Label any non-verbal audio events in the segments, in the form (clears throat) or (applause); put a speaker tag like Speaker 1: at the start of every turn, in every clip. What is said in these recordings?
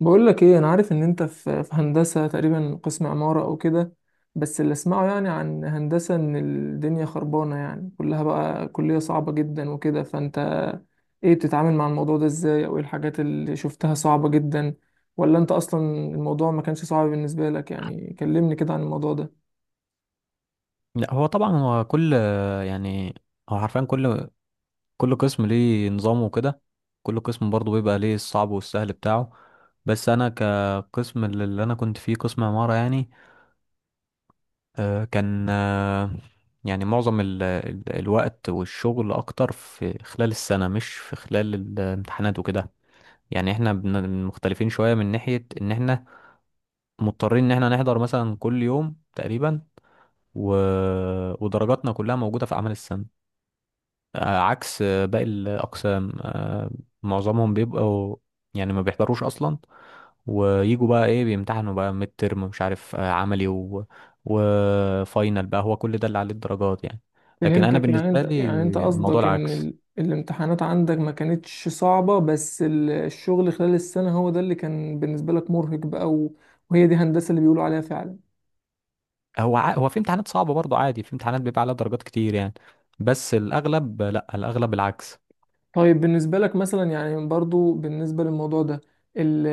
Speaker 1: بقول لك ايه، انا عارف ان انت في هندسه تقريبا، قسم عماره او كده. بس اللي اسمعه يعني عن هندسه ان الدنيا خربانه، يعني كلها بقى كليه صعبه جدا وكده، فانت ايه بتتعامل مع الموضوع ده ازاي؟ او ايه الحاجات اللي شفتها صعبه جدا؟ ولا انت اصلا الموضوع ما كانش صعب بالنسبه لك؟ يعني كلمني كده عن الموضوع ده.
Speaker 2: لا، هو طبعا. يعني هو حرفيا كل قسم ليه نظامه وكده. كل قسم برضه بيبقى ليه الصعب والسهل بتاعه. بس انا كقسم، اللي انا كنت فيه، قسم عمارة يعني. كان، يعني معظم ال الوقت والشغل اكتر في خلال السنة، مش في خلال الامتحانات وكده. يعني احنا مختلفين شوية من ناحية ان احنا مضطرين ان احنا نحضر مثلا كل يوم تقريبا، و... ودرجاتنا كلها موجودة في اعمال السنة، عكس باقي الأقسام. معظمهم بيبقوا يعني ما بيحضروش أصلا، ويجوا بقى إيه، بيمتحنوا بقى ميد ترم، مش عارف، عملي، وفاينل بقى، هو كل ده اللي عليه الدرجات يعني. لكن أنا
Speaker 1: فهمتك، يعني
Speaker 2: بالنسبة
Speaker 1: انت
Speaker 2: لي
Speaker 1: يعني انت
Speaker 2: الموضوع
Speaker 1: قصدك ان
Speaker 2: العكس.
Speaker 1: الامتحانات عندك ما كانتش صعبه، بس الشغل خلال السنه هو ده اللي كان بالنسبه لك مرهق بقى. وهي دي هندسه اللي بيقولوا عليها فعلا.
Speaker 2: هو في امتحانات صعبة برضه، عادي، في امتحانات بيبقى عليها درجات كتير يعني، بس الأغلب لأ، الأغلب العكس.
Speaker 1: طيب بالنسبة لك مثلا، يعني برضو بالنسبة للموضوع ده، ال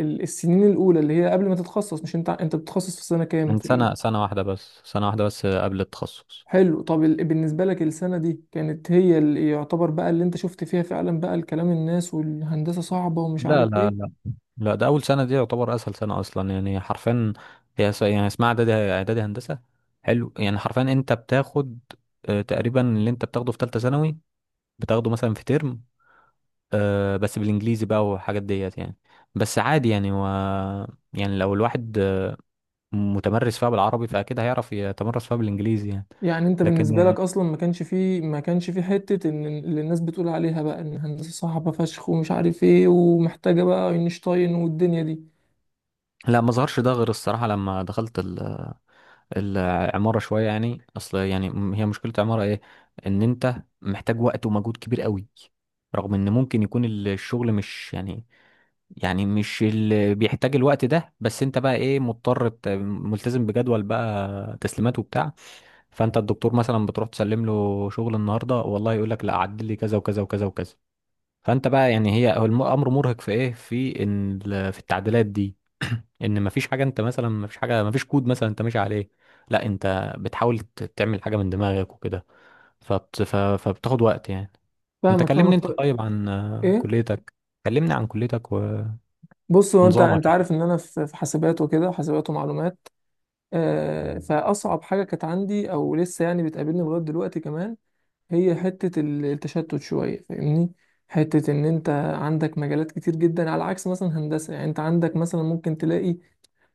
Speaker 1: ال السنين الأولى اللي هي قبل ما تتخصص، مش أنت بتتخصص في سنة كام
Speaker 2: من
Speaker 1: في ال...
Speaker 2: سنة، سنة واحدة بس، سنة واحدة بس قبل التخصص.
Speaker 1: حلو، طب بالنسبة لك السنة دي كانت هي اللي يعتبر بقى اللي أنت شفت فيها فعلا بقى الكلام، الناس والهندسة صعبة ومش
Speaker 2: لا،
Speaker 1: عارف
Speaker 2: لا، لا،
Speaker 1: إيه.
Speaker 2: لا، ده اول سنه دي يعتبر اسهل سنه اصلا يعني، حرفيا. يعني اسمها اعدادي هندسه. حلو، يعني حرفيا انت بتاخد تقريبا اللي انت بتاخده في ثالثه ثانوي، بتاخده مثلا في ترم، بس بالانجليزي بقى والحاجات ديت يعني. بس عادي يعني، يعني لو الواحد متمرس فيها بالعربي فاكيد هيعرف يتمرس فيها بالانجليزي يعني.
Speaker 1: يعني أنت
Speaker 2: لكن
Speaker 1: بالنسبة لك أصلا ما كانش فيه حتة إن اللي الناس بتقول عليها بقى إن الهندسة صعبة فشخ ومش عارف إيه ومحتاجة بقى أينشتاين والدنيا دي.
Speaker 2: لا، ما ظهرش ده غير الصراحه لما دخلت العمارة شوية. يعني أصل يعني، هي مشكلة العمارة إيه؟ إن أنت محتاج وقت ومجهود كبير قوي، رغم إن ممكن يكون الشغل مش يعني، يعني مش اللي بيحتاج الوقت ده. بس أنت بقى إيه، مضطر، ملتزم بجدول بقى تسليمات وبتاع. فأنت الدكتور مثلا بتروح تسلم له شغل النهاردة، والله يقول لك لا، عدل لي كذا وكذا وكذا وكذا. فأنت بقى يعني، هو الأمر مرهق في إيه، في إن في التعديلات دي. ان مفيش حاجه، انت مثلا مفيش حاجه، مفيش كود مثلا انت ماشي عليه. لا، انت بتحاول تعمل حاجه من دماغك وكده، فبتاخد وقت يعني. انت
Speaker 1: فاهمك
Speaker 2: كلمني
Speaker 1: فاهمك. طيب.
Speaker 2: طيب عن
Speaker 1: إيه؟
Speaker 2: كليتك. كلمني عن كليتك
Speaker 1: بص، هو انت
Speaker 2: ونظامك يعني.
Speaker 1: عارف ان انا في حاسبات ومعلومات. فاصعب حاجه كانت عندي او لسه يعني بتقابلني لغايه دلوقتي كمان، هي حته التشتت شويه، فاهمني؟ حته ان انت عندك مجالات كتير جدا، على عكس مثلا هندسه. يعني انت عندك مثلا ممكن تلاقي،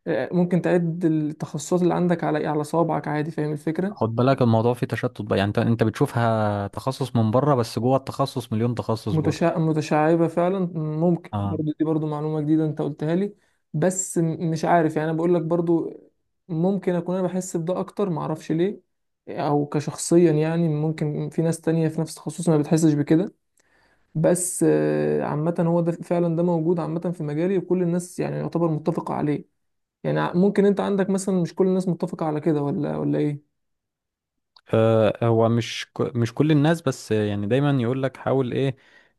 Speaker 1: ممكن تعد التخصصات اللي عندك على صوابعك عادي، فاهم
Speaker 2: خد
Speaker 1: الفكره؟
Speaker 2: بالك، الموضوع فيه تشتت بقى يعني. انت بتشوفها تخصص من بره، بس جوه التخصص مليون تخصص برضه.
Speaker 1: متشعبة فعلا، ممكن
Speaker 2: اه.
Speaker 1: برضو دي برضو معلومة جديدة انت قلتها لي. بس مش عارف، يعني انا بقول لك برضو ممكن اكون انا بحس بده اكتر، معرفش ليه، او كشخصيا. يعني ممكن في ناس تانية في نفس تخصصي ما بتحسش بكده، بس عامة هو ده فعلا، ده موجود عامة في مجالي، وكل الناس يعني يعتبر متفقة عليه. يعني ممكن انت عندك مثلا مش كل الناس متفقة على كده، ولا ايه؟
Speaker 2: هو مش، مش كل الناس، بس يعني دايما يقول لك حاول ايه،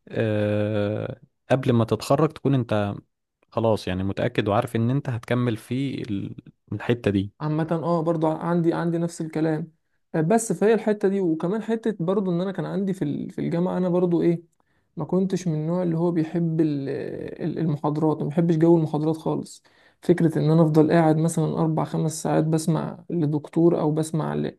Speaker 2: آه، قبل ما تتخرج تكون انت خلاص يعني متأكد وعارف ان انت هتكمل في الحتة دي.
Speaker 1: عامة اه، برضو عندي نفس الكلام. بس فهي الحتة دي، وكمان حتة برضو ان انا كان عندي في في الجامعة، انا برضو ايه، ما كنتش من النوع اللي هو بيحب المحاضرات، ما بحبش جو المحاضرات خالص. فكرة ان انا افضل قاعد مثلا اربع خمس ساعات بسمع لدكتور او بسمع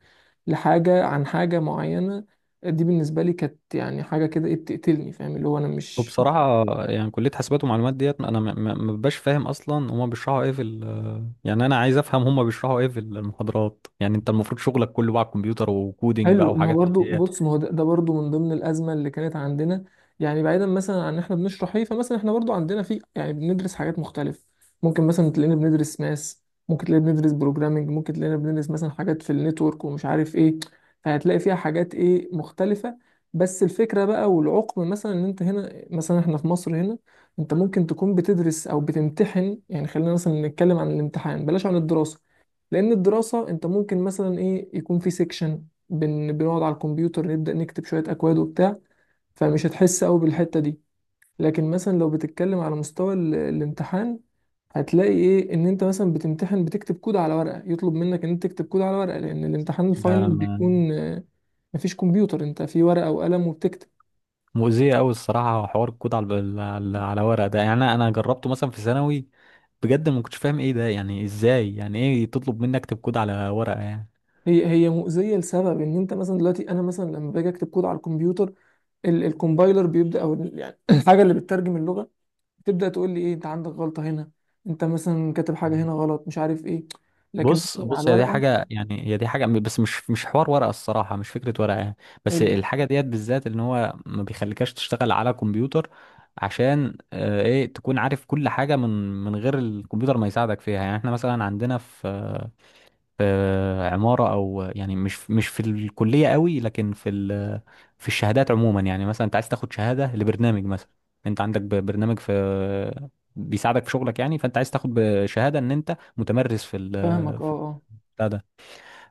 Speaker 1: لحاجة عن حاجة معينة، دي بالنسبة لي كانت يعني حاجة كده ايه، بتقتلني، فاهم؟ اللي هو انا مش ما...
Speaker 2: وبصراحة يعني كلية حاسبات ومعلومات ديت، انا ما ببقاش فاهم اصلا هما بيشرحوا ايه في يعني انا عايز افهم هما بيشرحوا ايه في المحاضرات يعني. انت المفروض شغلك كله بقى كمبيوتر وكودينج بقى
Speaker 1: حلو. ما هو
Speaker 2: وحاجات من
Speaker 1: برضو،
Speaker 2: ديت.
Speaker 1: بص، ما هو ده برضو من ضمن الازمه اللي كانت عندنا. يعني بعيدا مثلا عن ان احنا بنشرح ايه، فمثلا احنا برضو عندنا في، يعني بندرس حاجات مختلفه. ممكن مثلا تلاقينا بندرس ماس، ممكن تلاقينا بندرس بروجرامنج، ممكن تلاقينا بندرس مثلا حاجات في النتورك ومش عارف ايه. فهتلاقي فيها حاجات ايه، مختلفه. بس الفكره بقى والعقم مثلا ان انت هنا، مثلا احنا في مصر هنا، انت ممكن تكون بتدرس او بتمتحن. يعني خلينا مثلا نتكلم عن الامتحان بلاش عن الدراسه، لان الدراسه انت ممكن مثلا ايه، يكون في سيكشن بنقعد على الكمبيوتر نبدأ نكتب شوية أكواد وبتاع، فمش هتحس قوي بالحتة دي. لكن مثلا لو بتتكلم على مستوى الامتحان، هتلاقي ايه ان انت مثلا بتمتحن، بتكتب كود على ورقة. يطلب منك ان انت تكتب كود على ورقة لأن الامتحان
Speaker 2: ده
Speaker 1: الفاينل
Speaker 2: ما-
Speaker 1: بيكون، مفيش كمبيوتر، انت في ورقة وقلم وبتكتب.
Speaker 2: مؤذية قوي الصراحة حوار الكود على على ورق ده يعني. انا جربته مثلا في ثانوي، بجد ما كنتش فاهم ايه ده يعني. ازاي يعني ايه تطلب مني اكتب كود على ورقة يعني؟
Speaker 1: هي مؤذية لسبب ان انت مثلا دلوقتي، انا مثلا لما باجي اكتب كود على الكمبيوتر، الكومبايلر بيبدأ، او يعني (clears throat) الحاجة اللي بتترجم اللغة تبدأ تقول لي ايه، انت عندك غلطة هنا، انت مثلا كاتب حاجة هنا غلط، مش عارف ايه. لكن
Speaker 2: بص،
Speaker 1: مثلاً على
Speaker 2: بص، هي دي
Speaker 1: الورقة...
Speaker 2: حاجة يعني، هي دي حاجة بس مش حوار ورقة الصراحة، مش فكرة ورقة يعني. بس
Speaker 1: حلو.
Speaker 2: الحاجة ديت بالذات ان هو ما بيخليكش تشتغل على كمبيوتر، عشان ايه، تكون عارف كل حاجة من غير الكمبيوتر ما يساعدك فيها. يعني احنا مثلا عندنا في في عمارة، أو يعني مش في الكلية قوي، لكن في في الشهادات عموما يعني. مثلا أنت عايز تاخد شهادة لبرنامج مثلا، أنت عندك برنامج في بيساعدك في شغلك يعني، فأنت عايز تاخد شهادة إن أنت متمرس في
Speaker 1: فاهمك، اه
Speaker 2: في
Speaker 1: اه.
Speaker 2: بتاع ده،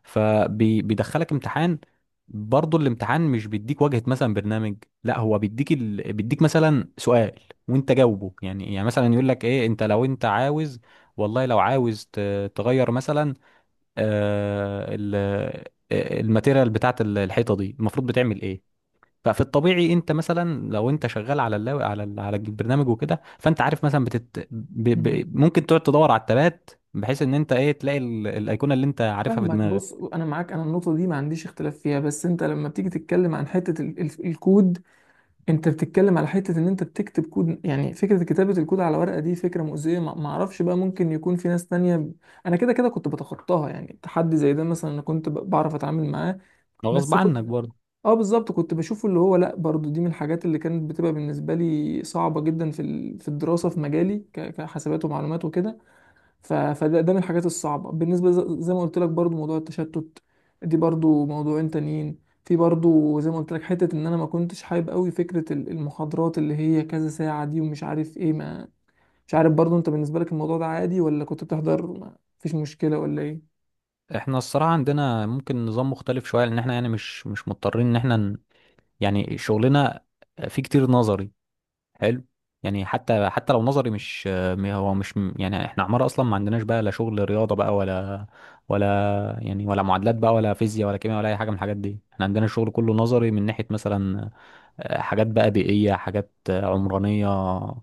Speaker 2: فبيدخلك امتحان. برضه الامتحان مش بيديك واجهة مثلا برنامج، لا هو بيديك بيديك مثلا سؤال، وانت جاوبه يعني. يعني مثلا يقول لك ايه، لو انت عاوز، والله لو عاوز تغير مثلا آه، ال- الماتيريال بتاعت الحيطه دي، المفروض بتعمل ايه؟ ففي الطبيعي انت مثلا لو انت شغال على على البرنامج وكده، فانت عارف مثلا
Speaker 1: مم.
Speaker 2: ممكن تقعد تدور على التبات، بحيث ان انت ايه تلاقي الايقونه اللي انت عارفها في
Speaker 1: فاهمك.
Speaker 2: دماغك.
Speaker 1: بص، انا معاك، انا النقطة دي ما عنديش اختلاف فيها، بس انت لما بتيجي تتكلم عن حتة ال ال الكود انت بتتكلم على حتة ان انت بتكتب كود. يعني فكرة كتابة الكود على ورقة دي فكرة مؤذية، ما اعرفش بقى، ممكن يكون في ناس تانية. انا كده كده كنت بتخطاها، يعني تحدي زي ده مثلا انا كنت بعرف اتعامل معاه،
Speaker 2: هو غصب
Speaker 1: بس
Speaker 2: عنك برضه.
Speaker 1: اه بالظبط كنت بشوفه اللي هو لا. برضو دي من الحاجات اللي كانت بتبقى بالنسبه لي صعبه جدا في في الدراسه، في مجالي كحسابات ومعلومات وكده. فده من الحاجات الصعبه بالنسبه، زي ما قلت لك، برضو موضوع التشتت، دي برضو موضوعين تانيين. في برضو زي ما قلت لك حته ان انا ما كنتش حابب قوي فكره المحاضرات اللي هي كذا ساعه دي ومش عارف ايه ما... مش عارف برضو انت بالنسبه لك الموضوع ده عادي؟ ولا كنت بتحضر ما فيش مشكله ولا ايه؟
Speaker 2: احنا الصراحه عندنا ممكن نظام مختلف شويه، لان احنا يعني مش مضطرين ان احنا يعني شغلنا فيه كتير نظري. حلو، يعني حتى لو نظري، مش م- هو مش يعني احنا عمارة اصلا ما عندناش بقى لا شغل رياضة بقى، ولا يعني، ولا معادلات بقى ولا فيزياء ولا كيمياء ولا اي حاجة من الحاجات دي. احنا عندنا الشغل كله نظري من ناحية مثلا حاجات بقى بيئية، حاجات عمرانية،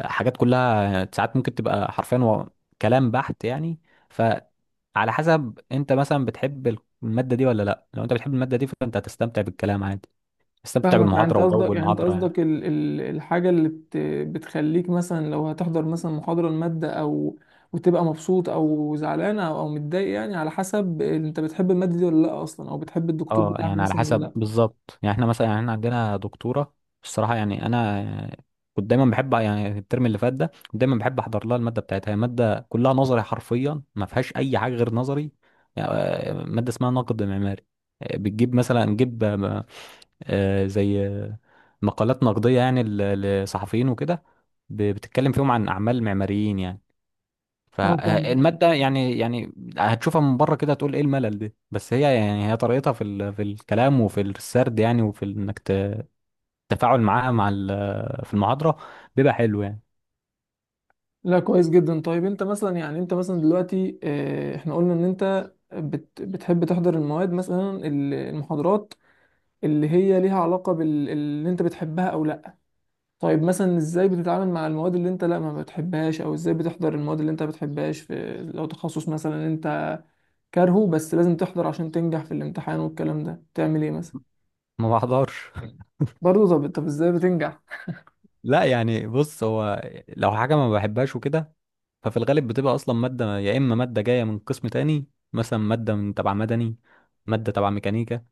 Speaker 2: حاجات كلها، ساعات ممكن تبقى حرفيا كلام بحت يعني. فعلى حسب انت مثلا بتحب المادة دي ولا لا. لو انت بتحب المادة دي فانت هتستمتع بالكلام عادي، تستمتع
Speaker 1: فاهمك، يعني انت
Speaker 2: بالمحاضرة
Speaker 1: قصدك
Speaker 2: وجو
Speaker 1: يعني انت
Speaker 2: المحاضرة يعني.
Speaker 1: قصدك الحاجه اللي بتخليك مثلا لو هتحضر مثلا محاضره الماده، وتبقى مبسوط او زعلان او متضايق، يعني على حسب انت بتحب الماده دي ولا لا اصلا، او بتحب الدكتور
Speaker 2: اه،
Speaker 1: بتاعك
Speaker 2: يعني على
Speaker 1: مثلا ولا
Speaker 2: حسب،
Speaker 1: لا.
Speaker 2: بالظبط يعني. احنا مثلا يعني احنا عندنا دكتوره، الصراحه يعني انا، كنت دايما بحب يعني الترم اللي فات ده، كنت دايما بحب احضر لها الماده بتاعتها. هي ماده كلها نظري حرفيا، ما فيهاش اي حاجه غير نظري يعني. ماده اسمها نقد معماري. بتجيب مثلا، نجيب، زي مقالات نقديه يعني، لصحفيين وكده، بتتكلم فيهم عن اعمال معماريين يعني.
Speaker 1: اه فاهمك.
Speaker 2: فالمادة يعني، هتشوفها من بره كده تقول ايه الملل ده، بس هي يعني طريقتها في في الكلام وفي السرد يعني، وفي انك التفاعل معاها مع في المحاضرة بيبقى حلو يعني.
Speaker 1: لا، كويس جدا. طيب انت مثلا دلوقتي احنا قلنا ان انت بتحب تحضر المواد، مثلا المحاضرات اللي هي ليها علاقه باللي انت بتحبها او لا. طيب مثلا ازاي بتتعامل مع المواد اللي انت لا ما بتحبهاش، او ازاي بتحضر المواد اللي انت ما بتحبهاش في لو تخصص مثلا انت كارهه، بس لازم تحضر عشان تنجح في الامتحان والكلام ده، تعمل ايه مثلا؟
Speaker 2: ما بحضرش (laughs)
Speaker 1: برضه طب ازاي بتنجح؟
Speaker 2: لا يعني بص، هو لو حاجة ما بحبهاش وكده ففي الغالب بتبقى اصلا مادة. يا اما مادة جاية من قسم تاني، مثلا مادة من تبع مدني، مادة تبع ميكانيكا،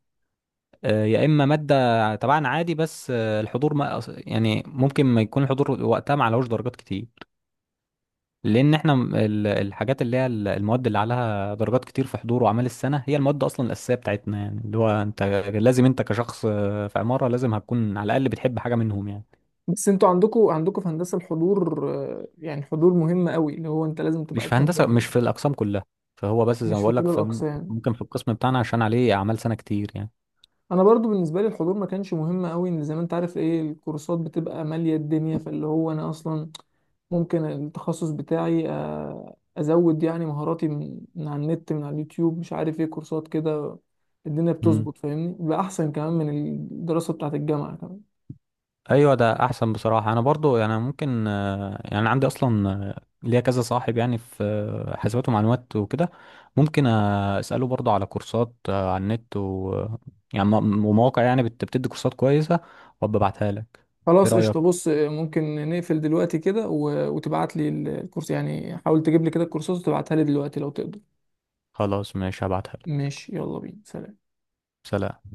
Speaker 2: يا اما مادة تبعنا عادي، بس الحضور، ما يعني ممكن ما يكون الحضور وقتها ما علوش درجات كتير. لان احنا، الحاجات اللي هي المواد اللي عليها درجات كتير في حضور وأعمال السنة هي المواد اصلا الأساسية بتاعتنا يعني. اللي هو انت لازم، انت كشخص في عمارة لازم هتكون على الأقل بتحب حاجة منهم يعني.
Speaker 1: بس انتوا عندكوا في هندسة الحضور يعني حضور مهم قوي، اللي هو انت لازم
Speaker 2: مش
Speaker 1: تبقى
Speaker 2: في هندسة،
Speaker 1: تحضر؟
Speaker 2: مش في الأقسام كلها. فهو بس زي
Speaker 1: مش
Speaker 2: ما
Speaker 1: في
Speaker 2: بقول
Speaker 1: كل
Speaker 2: لك، في
Speaker 1: الاقسام.
Speaker 2: ممكن في القسم بتاعنا عشان عليه أعمال سنة كتير يعني.
Speaker 1: انا برضو بالنسبه لي الحضور ما كانش مهم قوي، ان زي ما انت عارف ايه، الكورسات بتبقى ماليه الدنيا، فاللي هو انا اصلا ممكن التخصص بتاعي ازود يعني مهاراتي من على النت، من على اليوتيوب، مش عارف ايه، كورسات كده الدنيا
Speaker 2: مم.
Speaker 1: بتظبط، فاهمني؟ بقى احسن كمان من الدراسه بتاعت الجامعه كمان.
Speaker 2: ايوه، ده احسن بصراحه. انا برضو يعني ممكن، يعني عندي اصلا ليا كذا صاحب يعني في حاسبات ومعلومات وكده، ممكن اساله برضو على كورسات على النت يعني، ومواقع يعني بتدي كورسات كويسه، وابقى ابعتها لك. ايه
Speaker 1: خلاص،
Speaker 2: رايك؟
Speaker 1: قشطه. بص، ممكن نقفل دلوقتي كده وتبعت لي الكورس، يعني حاول تجيب لي كده الكورسات وتبعتها لي دلوقتي لو تقدر.
Speaker 2: خلاص، ماشي، هبعتها لك.
Speaker 1: ماشي؟ يلا بينا، سلام.
Speaker 2: سلام.